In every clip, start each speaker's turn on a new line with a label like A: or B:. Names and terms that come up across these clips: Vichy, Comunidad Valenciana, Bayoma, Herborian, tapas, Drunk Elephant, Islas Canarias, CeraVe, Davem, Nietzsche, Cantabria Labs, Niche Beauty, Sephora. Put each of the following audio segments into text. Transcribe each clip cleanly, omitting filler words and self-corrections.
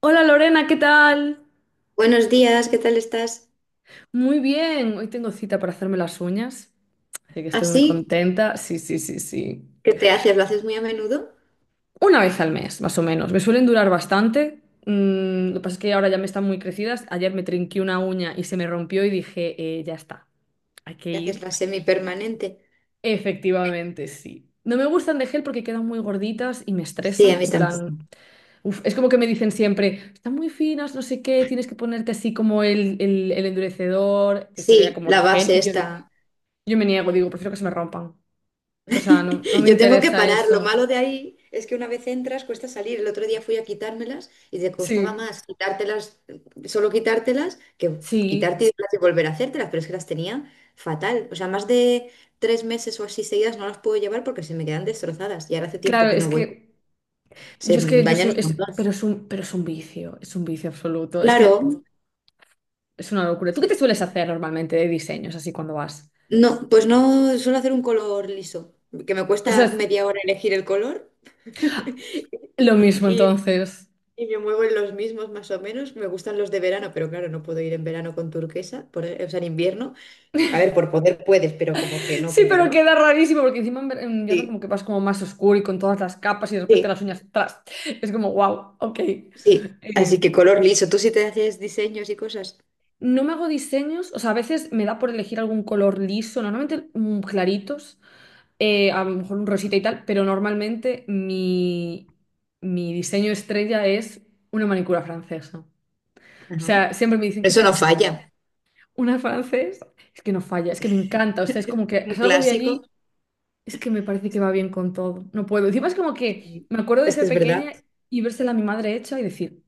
A: Hola Lorena, ¿qué tal?
B: Buenos días, ¿qué tal estás?
A: Muy bien, hoy tengo cita para hacerme las uñas, así que estoy muy
B: ¿Así?
A: contenta. Sí, sí, sí, sí.
B: ¿Qué te haces? ¿Lo haces muy a menudo?
A: Una vez al mes, más o menos. Me suelen durar bastante. Lo que pasa es que ahora ya me están muy crecidas. Ayer me trinqué una uña y se me rompió y dije, ya está, hay que
B: ¿Te haces
A: ir."
B: la semipermanente?
A: Efectivamente, sí. No me gustan de gel porque quedan muy gorditas y me
B: Sí, a
A: estresan.
B: mí tampoco.
A: Es como que me dicen siempre, están muy finas, no sé qué, tienes que ponerte así como el endurecedor, que sería
B: Sí,
A: como el
B: la
A: gel.
B: base
A: Y yo,
B: está.
A: Yo me niego,
B: Ujú.
A: digo, prefiero que se me rompan. O sea, no me
B: Yo tengo que
A: interesa
B: parar. Lo
A: eso.
B: malo de ahí es que una vez entras cuesta salir. El otro día fui a quitármelas y te costaba
A: Sí,
B: más quitártelas, solo quitártelas, que
A: sí.
B: quitarte y volver a hacértelas, pero es que las tenía fatal. O sea, más de 3 meses o así seguidas no las puedo llevar porque se me quedan destrozadas y ahora hace tiempo
A: Claro,
B: que
A: es
B: no voy.
A: que
B: Se dañan un montón.
A: pero es un vicio absoluto. Es que
B: Claro.
A: es una locura. ¿Tú qué
B: Sí,
A: te sueles
B: sí.
A: hacer normalmente de diseños así cuando vas?
B: No, pues no suelo hacer un color liso, que me
A: O
B: cuesta
A: sea,
B: media hora elegir el color
A: es lo mismo
B: y,
A: entonces.
B: y me muevo en los mismos más o menos. Me gustan los de verano, pero claro, no puedo ir en verano con turquesa, o sea, en invierno. A ver, por poder puedes, pero como que no
A: Sí,
B: queda,
A: pero
B: ¿no?
A: queda rarísimo porque encima en invierno
B: Sí,
A: como que vas como más oscuro y con todas las capas y de
B: sí,
A: repente las uñas atrás. Es como, wow, ok.
B: sí. Así
A: Eh,
B: que color liso. Tú sí te haces diseños y cosas.
A: No me hago diseños, o sea, a veces me da por elegir algún color liso, normalmente claritos, a lo mejor un rosita y tal, pero normalmente mi diseño estrella es una manicura francesa. O
B: Ajá.
A: sea, siempre me dicen, ¿qué
B: Eso
A: te
B: no
A: haces? Y yo,
B: falla.
A: una francesa, es que no falla, es que me encanta, o sea, es como que
B: Un
A: salgo de
B: clásico.
A: allí, es que me parece que va bien con todo, no puedo. Encima es como que
B: y-
A: me acuerdo de
B: Es que
A: ser
B: es verdad.
A: pequeña y vérsela a mi madre hecha y decir,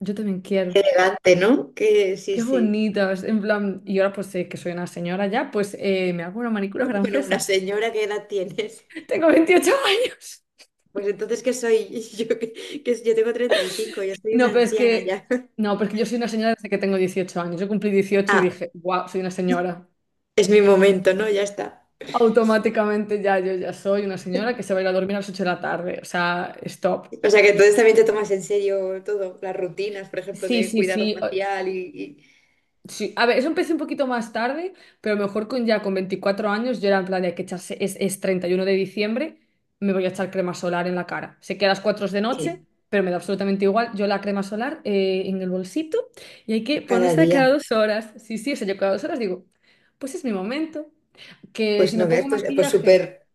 A: yo también quiero.
B: Elegante, ¿no? Que sí,
A: Qué
B: sí.
A: bonitas, en plan, y ahora pues que soy una señora ya, pues me hago una manicura
B: Bueno, una
A: francesa.
B: señora, ¿qué edad tienes?
A: Tengo 28 años.
B: Pues entonces, ¿qué soy? Yo, que yo tengo 35, yo soy
A: No,
B: una
A: pero es
B: anciana
A: que,
B: ya.
A: no, pero es que yo soy una señora desde que tengo 18 años. Yo cumplí 18 y
B: Ah,
A: dije, wow, soy una señora.
B: es mi momento, ¿no? Ya está.
A: Automáticamente ya, yo ya soy una señora que se va a ir a dormir a las 8 de la tarde. O sea, stop.
B: O sea que entonces también te tomas en serio todo, las rutinas, por ejemplo,
A: Sí,
B: de
A: sí,
B: cuidado
A: sí.
B: facial
A: Sí, a ver, eso empecé un poquito más tarde, pero mejor con ya con 24 años yo era en plan de hay que echarse, es 31 de diciembre, me voy a echar crema solar en la cara. Sé que a las 4 es de noche,
B: Sí.
A: pero me da absolutamente igual. Yo la crema solar en el bolsito y hay que
B: Cada
A: ponerse de cada
B: día.
A: dos horas. Sí, sí, o sea, yo cada 2 horas digo, pues es mi momento, que si
B: Pues
A: me
B: no
A: pongo
B: ves, pues
A: maquillaje,
B: súper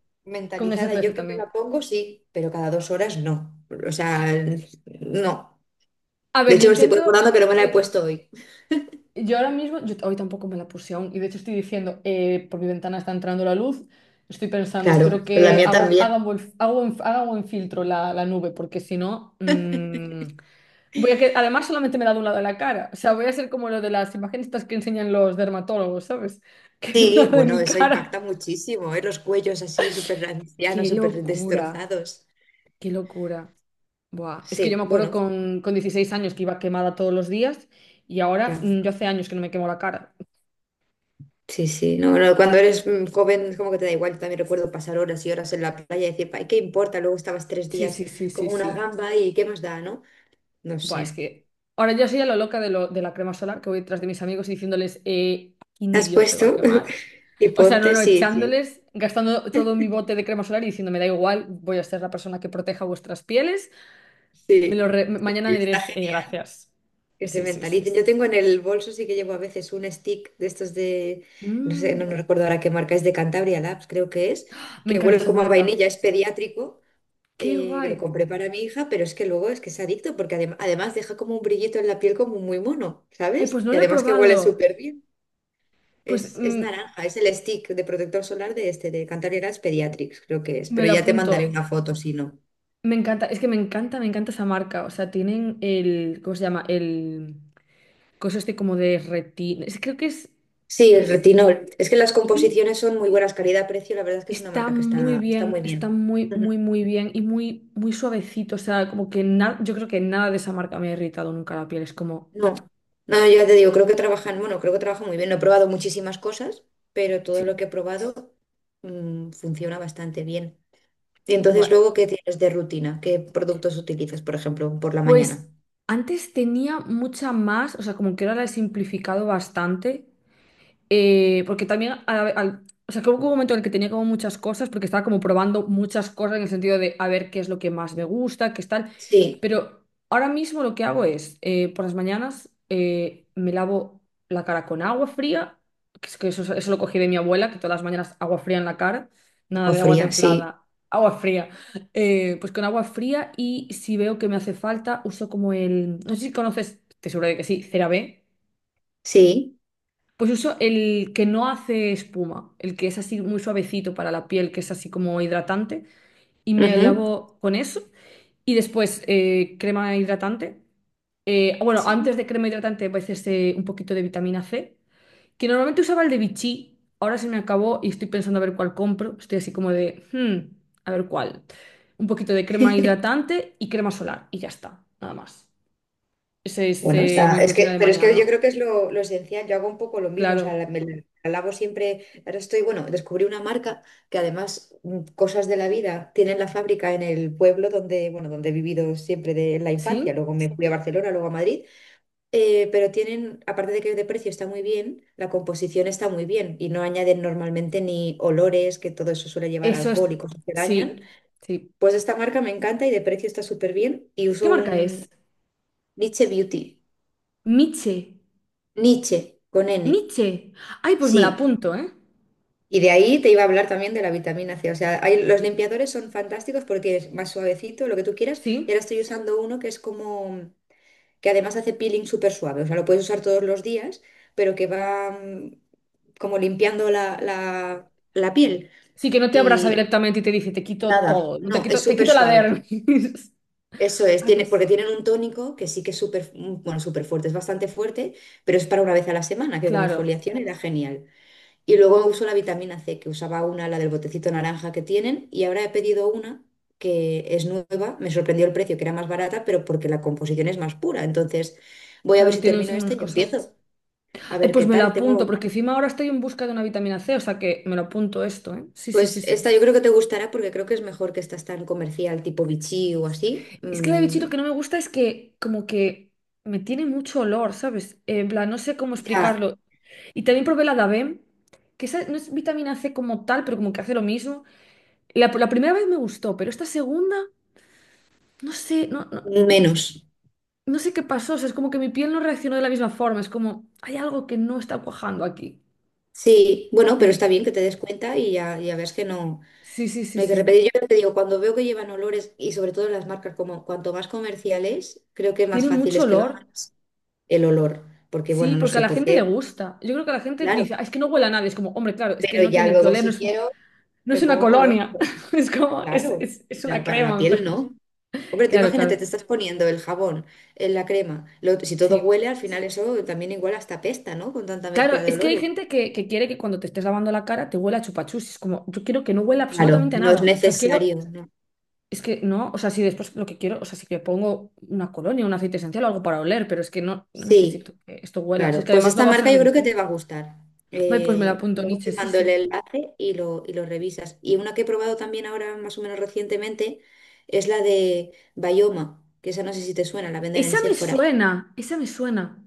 A: con ese
B: mentalizada.
A: SPF
B: Yo que me
A: también.
B: la pongo, sí, pero cada 2 horas no. O sea, no.
A: A
B: De
A: ver, yo
B: hecho, me estoy
A: intento,
B: recordando que no me la he
A: eh,
B: puesto hoy.
A: yo ahora mismo, yo hoy tampoco me la puse aún, y de hecho estoy diciendo, por mi ventana está entrando la luz, estoy pensando,
B: Claro,
A: espero
B: pero la
A: que
B: mía también.
A: haga buen filtro la nube, porque si no, voy a que, además solamente me da de un lado de la cara, o sea, voy a ser como lo de las imágenes estas que enseñan los dermatólogos, ¿sabes? Que me da
B: Sí,
A: de
B: bueno,
A: mi
B: eso
A: cara.
B: impacta muchísimo, ¿eh? Los cuellos así súper ancianos,
A: ¡Qué
B: súper
A: locura!
B: destrozados.
A: ¡Qué locura! Buah, es que yo
B: Sí,
A: me acuerdo
B: bueno,
A: con 16 años que iba quemada todos los días, y ahora
B: ya.
A: yo hace años que no me quemo la cara.
B: Sí, sí, no, no, cuando eres joven como que te da igual, también recuerdo pasar horas y horas en la playa y decir, "Ay, ¿qué importa?" Luego estabas tres
A: Sí,
B: días
A: sí, sí, sí,
B: como una
A: sí.
B: gamba y ¿qué más da, no? No
A: Buah, es
B: sé.
A: que ahora yo soy a lo loca de la crema solar, que voy detrás de mis amigos y diciéndoles, aquí
B: ¿Te
A: ni
B: has
A: Dios se va a
B: puesto?
A: quemar.
B: Y
A: O sea, no,
B: ponte,
A: no,
B: sí, sí,
A: echándoles, gastando todo mi bote de crema solar y diciendo, me da igual, voy a ser la persona que proteja vuestras pieles.
B: sí.
A: Mañana me
B: Está
A: diréis,
B: genial,
A: gracias.
B: que se
A: Sí, sí, sí.
B: mentalicen.
A: Sí.
B: Yo tengo en el bolso, sí que llevo a veces un stick de estos de, no sé, no,
A: Mm,
B: no recuerdo ahora qué marca es, de Cantabria Labs, creo que es,
A: Me
B: que
A: encanta
B: huele
A: esa
B: como a
A: marca.
B: vainilla, es pediátrico,
A: ¡Qué
B: que
A: guay!
B: lo compré para mi hija, pero es que luego es que es adicto, porque además deja como un brillito en la piel como muy mono,
A: Ay, pues
B: ¿sabes?
A: no
B: Y
A: lo he
B: además que huele
A: probado.
B: súper bien.
A: Pues
B: Es naranja, es el stick de protector solar de este, de Cantabria Labs Pediatrics, creo que es,
A: me
B: pero
A: lo
B: ya te
A: apunto.
B: mandaré una foto si no.
A: Me encanta, es que me encanta esa marca. O sea, tienen el, ¿cómo se llama? El cosas de como de retina. Creo que es,
B: Sí,
A: no
B: el
A: sé,
B: retinol. Es que las
A: sí,
B: composiciones son muy buenas, calidad-precio. La verdad es que es una
A: está
B: marca que
A: muy
B: está
A: bien,
B: muy
A: está
B: bien. Ujú.
A: muy bien y muy suavecito. O sea, como que nada, yo creo que nada de esa marca me ha irritado nunca la piel. Es como,
B: No, no, ya te digo, creo que trabajan, bueno, creo que trabajan muy bien. No he probado muchísimas cosas, pero
A: sí,
B: todo lo que he probado funciona bastante bien. Y entonces,
A: bueno.
B: luego, ¿qué tienes de rutina? ¿Qué productos utilizas, por ejemplo, por la mañana?
A: Pues antes tenía mucha más, o sea, como que ahora la he simplificado bastante. Porque también, o sea, que hubo un momento en el que tenía como muchas cosas, porque estaba como probando muchas cosas en el sentido de a ver qué es lo que más me gusta, qué es tal.
B: Sí,
A: Pero ahora mismo lo que hago es, por las mañanas me lavo la cara con agua fría, que, es que eso lo cogí de mi abuela, que todas las mañanas agua fría en la cara, nada
B: agua
A: de agua
B: fría, sí,
A: templada, agua fría. Pues con agua fría y si veo que me hace falta, uso como el, no sé si conoces, te seguro de que sí, CeraVe.
B: sí.
A: Pues uso el que no hace espuma, el que es así muy suavecito para la piel, que es así como hidratante, y me
B: Ujú.
A: lavo con eso. Y después crema hidratante. Bueno,
B: Sí.
A: antes de crema hidratante, a veces un poquito de vitamina C, que normalmente usaba el de Vichy, ahora se me acabó y estoy pensando a ver cuál compro. Estoy así como de, "Hmm, a ver cuál." Un poquito de crema hidratante y crema solar, y ya está, nada más. Esa es
B: Bueno, está,
A: mi
B: es
A: rutina
B: que,
A: de
B: pero es que yo
A: mañana.
B: creo que es lo esencial, yo hago un poco lo mismo, o sea,
A: Claro,
B: me la alabo siempre, ahora estoy, bueno, descubrí una marca que además cosas de la vida tienen la fábrica en el pueblo donde, bueno, donde he vivido siempre de la infancia,
A: ¿sí?
B: luego me fui a Barcelona, luego a Madrid, pero tienen, aparte de que de precio está muy bien, la composición está muy bien y no añaden normalmente ni olores, que todo eso suele llevar
A: Eso
B: alcohol
A: es,
B: y cosas que dañan,
A: sí, sí.
B: pues esta marca me encanta y de precio está súper bien y
A: ¿Qué
B: uso
A: marca
B: un
A: es?
B: Niche Beauty.
A: Nietzsche,
B: Nietzsche, con N.
A: Nietzsche. Ay, pues me la
B: Sí.
A: apunto, ¿eh?
B: Y de ahí te iba a hablar también de la vitamina C. O sea, los limpiadores son fantásticos porque es más suavecito, lo que tú quieras. Y
A: Sí.
B: ahora estoy usando uno que es como, que además hace peeling súper suave. O sea, lo puedes usar todos los días, pero que va como limpiando la piel.
A: Sí, que no te abraza
B: Sí,
A: directamente y te dice, te
B: y
A: quito
B: nada,
A: todo, no te
B: no, es
A: quito, te
B: súper
A: quito la
B: suave.
A: dermis.
B: Eso es,
A: Ay,
B: tiene,
A: pues,
B: porque tienen un tónico que sí que es súper, bueno, súper fuerte, es bastante fuerte, pero es para una vez a la semana, que como
A: claro,
B: exfoliación era genial. Y luego uso la vitamina C, que usaba una, la del botecito naranja que tienen, y ahora he pedido una que es nueva. Me sorprendió el precio, que era más barata, pero porque la composición es más pura. Entonces, voy a ver
A: claro,
B: si
A: tiene muchas
B: termino esta
A: menos
B: y
A: cosas.
B: empiezo. A
A: Ay,
B: ver qué
A: pues me la
B: tal.
A: apunto,
B: Tengo.
A: porque encima ahora estoy en busca de una vitamina C, o sea que me lo apunto esto, ¿eh? Sí, sí, sí,
B: Pues
A: sí.
B: esta yo creo que te gustará porque creo que es mejor que estas tan comercial, tipo Vichy o así.
A: Es que la de bichito
B: Mm,
A: que no me gusta es que como que me tiene mucho olor, ¿sabes? En plan, no sé cómo
B: ya,
A: explicarlo. Y también probé la Davem, que esa no es vitamina C como tal, pero como que hace lo mismo. La primera vez me gustó, pero esta segunda, no sé, no, no,
B: menos.
A: no sé qué pasó. O sea, es como que mi piel no reaccionó de la misma forma. Es como, hay algo que no está cuajando aquí.
B: Sí, bueno, pero está
A: Sí,
B: bien que te des cuenta y ya ves que no.
A: sí, sí, sí,
B: No hay que
A: sí.
B: repetir. Yo te digo, cuando veo que llevan olores y sobre todo las marcas, como cuanto más comerciales, creo que más
A: Tiene
B: fácil
A: mucho
B: es que lo
A: olor.
B: hagas el olor. Porque,
A: Sí,
B: bueno, no
A: porque a
B: sé
A: la
B: por
A: gente le
B: qué,
A: gusta. Yo creo que a la gente dice,
B: claro.
A: "Ah, es que no huele a nada." Es como, hombre, claro, es que
B: Pero
A: no
B: ya
A: tiene que
B: luego,
A: oler.
B: si quiero,
A: No
B: me
A: es una
B: pongo color.
A: colonia, es como,
B: Claro.
A: es una
B: Para la
A: crema,
B: piel,
A: pero...
B: no. Hombre, tú
A: Claro,
B: imagínate, te
A: claro.
B: estás poniendo el jabón en la crema. Si todo
A: Sí.
B: huele, al final eso también igual hasta pesta, ¿no? Con tanta
A: Claro,
B: mezcla de
A: es que hay
B: olores.
A: gente que quiere que cuando te estés lavando la cara te huela a chupachus. Es como, yo quiero que no huela
B: Claro,
A: absolutamente a
B: no es
A: nada. O sea, quiero,
B: necesario, ¿no?
A: es que no, o sea, si después lo que quiero, o sea, si que pongo una colonia, un aceite esencial o algo para oler, pero es que no, no
B: Sí.
A: necesito que esto huela. Si
B: Claro,
A: es que
B: pues
A: además lo
B: esta
A: va a
B: marca yo
A: observar mi
B: creo que te
A: piel.
B: va a gustar.
A: Ay, pues me la
B: Eh,
A: apunto,
B: luego
A: Nietzsche,
B: te
A: sí,
B: mando el
A: sí.
B: enlace y lo revisas. Y una que he probado también ahora más o menos recientemente es la de Bayoma, que esa no sé si te suena, la venden en
A: Esa me
B: Sephora.
A: suena, esa me suena.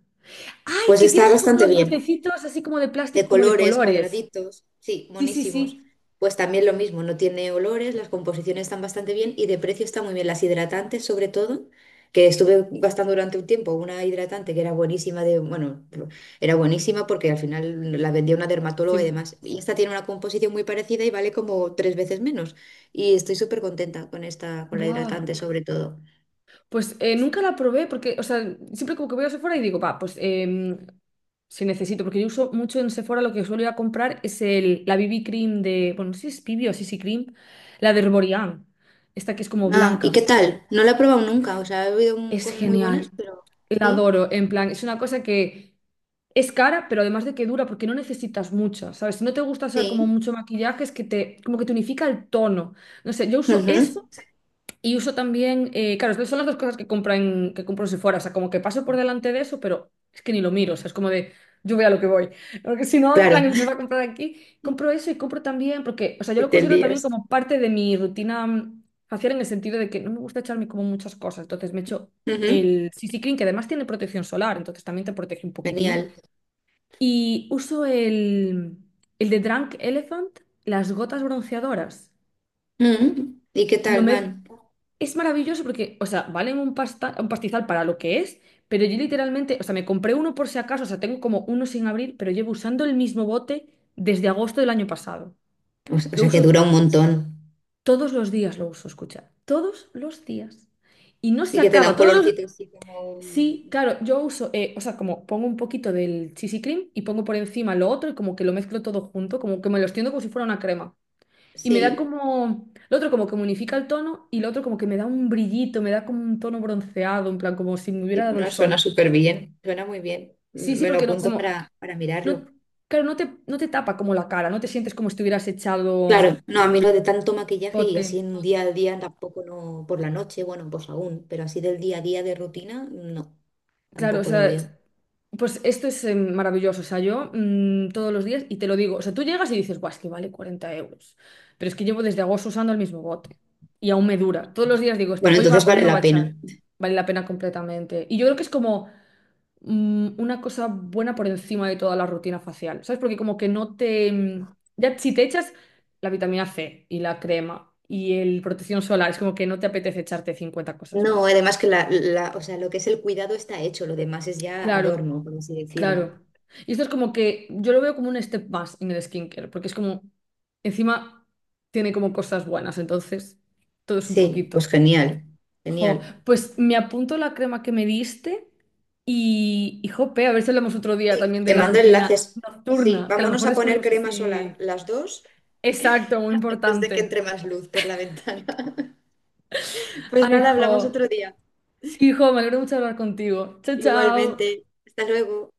A: Ay,
B: Pues
A: que tiene
B: está
A: así como
B: bastante
A: los
B: bien.
A: botecitos así como de
B: De
A: plástico, como de
B: colores,
A: colores.
B: cuadraditos, sí,
A: Sí, sí,
B: monísimos.
A: sí.
B: Pues también lo mismo, no tiene olores, las composiciones están bastante bien y de precio está muy bien. Las hidratantes, sobre todo, que estuve gastando durante un tiempo una hidratante que era buenísima, de, bueno, era buenísima porque al final la vendía una dermatóloga y
A: Sí.
B: demás. Y esta tiene una composición muy parecida y vale como tres veces menos. Y estoy súper contenta con esta, con la
A: Buah.
B: hidratante, sobre todo.
A: Pues nunca la probé porque, o sea, siempre como que voy a Sephora y digo, va, pues si necesito, porque yo uso mucho en Sephora, lo que suelo ir a comprar es el, la BB Cream de, bueno, no sé si es BB o CC Cream, la de Herborian, esta que es como
B: Ah, ¿y
A: blanca.
B: qué tal? No la he probado nunca, o sea, he oído
A: Es
B: cosas muy buenas,
A: genial,
B: pero
A: la
B: sí,
A: adoro, en plan, es una cosa que es cara, pero además de que dura, porque no necesitas mucha ¿sabes? Si no te gusta usar como
B: sí.
A: mucho maquillaje, es que te, como que te unifica el tono. No sé, yo uso
B: Ujú.
A: eso. Y uso también, claro, son las dos cosas que compro que compro en Sephora, o sea, como que paso por delante de eso, pero es que ni lo miro, o sea, es como de, yo voy a lo que voy, porque si no, en plan,
B: Claro.
A: empiezo a comprar aquí, compro eso y compro también, porque, o sea, yo lo
B: Siete
A: considero también
B: días.
A: como parte de mi rutina facial en el sentido de que no me gusta echarme como muchas cosas, entonces me echo
B: Ujú.
A: el CC Cream, que además tiene protección solar, entonces también te protege un poquitín,
B: Genial.
A: y uso el de Drunk Elephant, las gotas bronceadoras,
B: Ujú. ¿Y qué
A: lo
B: tal
A: mezclo,
B: van?
A: es maravilloso porque, o sea, valen un pasta, un pastizal para lo que es, pero yo literalmente, o sea, me compré uno por si acaso, o sea, tengo como uno sin abrir, pero llevo usando el mismo bote desde agosto del año pasado.
B: O sea, o
A: Lo
B: sea, que
A: uso
B: dura un montón.
A: todos los días, lo uso, escucha, todos los días. Y no se
B: Y que te da
A: acaba,
B: un
A: todos los...
B: colorcito así como...
A: Sí, claro, yo uso, o sea, como pongo un poquito del CC cream y pongo por encima lo otro y como que lo mezclo todo junto, como que me lo extiendo como si fuera una crema. Y me da
B: Sí,
A: como, el otro como que me unifica el tono y el otro como que me da un brillito, me da como un tono bronceado, en plan como si me
B: y
A: hubiera dado el
B: bueno, suena
A: sol.
B: súper bien. Suena muy bien.
A: Sí, sí,
B: Me lo
A: porque no,
B: apunto
A: como,
B: para mirarlo.
A: no, claro, no te, no te tapa como la cara, no te sientes como si te hubieras echado
B: Claro, no, a mí lo de tanto maquillaje y
A: pote.
B: así en día a día tampoco no, por la noche, bueno, pues aún, pero así del día a día de rutina, no,
A: Claro, o
B: tampoco lo veo.
A: sea, pues esto es maravilloso, o sea, yo todos los días, y te lo digo, o sea, tú llegas y dices, guau, es que vale 40 euros, pero es que llevo desde agosto usando el mismo bote y aún me dura. Todos los días digo esto,
B: Bueno,
A: hoy va,
B: entonces
A: hoy
B: vale
A: no va a
B: la
A: echar,
B: pena.
A: vale la pena completamente. Y yo creo que es como... una cosa buena por encima de toda la rutina facial, ¿sabes? Porque como que no te... Ya si te echas la vitamina C y la crema y el protección solar, es como que no te apetece echarte 50 cosas
B: No,
A: más.
B: además que o sea, lo que es el cuidado está hecho, lo demás es ya
A: Claro,
B: adorno, por así decirlo.
A: claro. Y esto es como que yo lo veo como un step más en el skincare, porque es como, encima tiene como cosas buenas, entonces todo es un
B: Sí, pues
A: poquito.
B: genial,
A: Jo,
B: genial.
A: pues me apunto la crema que me diste y jope, a ver si hablamos otro día también de
B: Te
A: la
B: mando
A: rutina
B: enlaces. Sí,
A: nocturna, que a lo
B: vámonos
A: mejor
B: a poner
A: descubrimos
B: crema solar,
A: así.
B: las dos,
A: Exacto, muy
B: antes de que
A: importante.
B: entre más luz por la ventana. Pues
A: Ay,
B: nada, hablamos
A: jo.
B: otro día.
A: Sí, jo, me alegro mucho de hablar contigo. Chao, chao.
B: Igualmente. Hasta luego.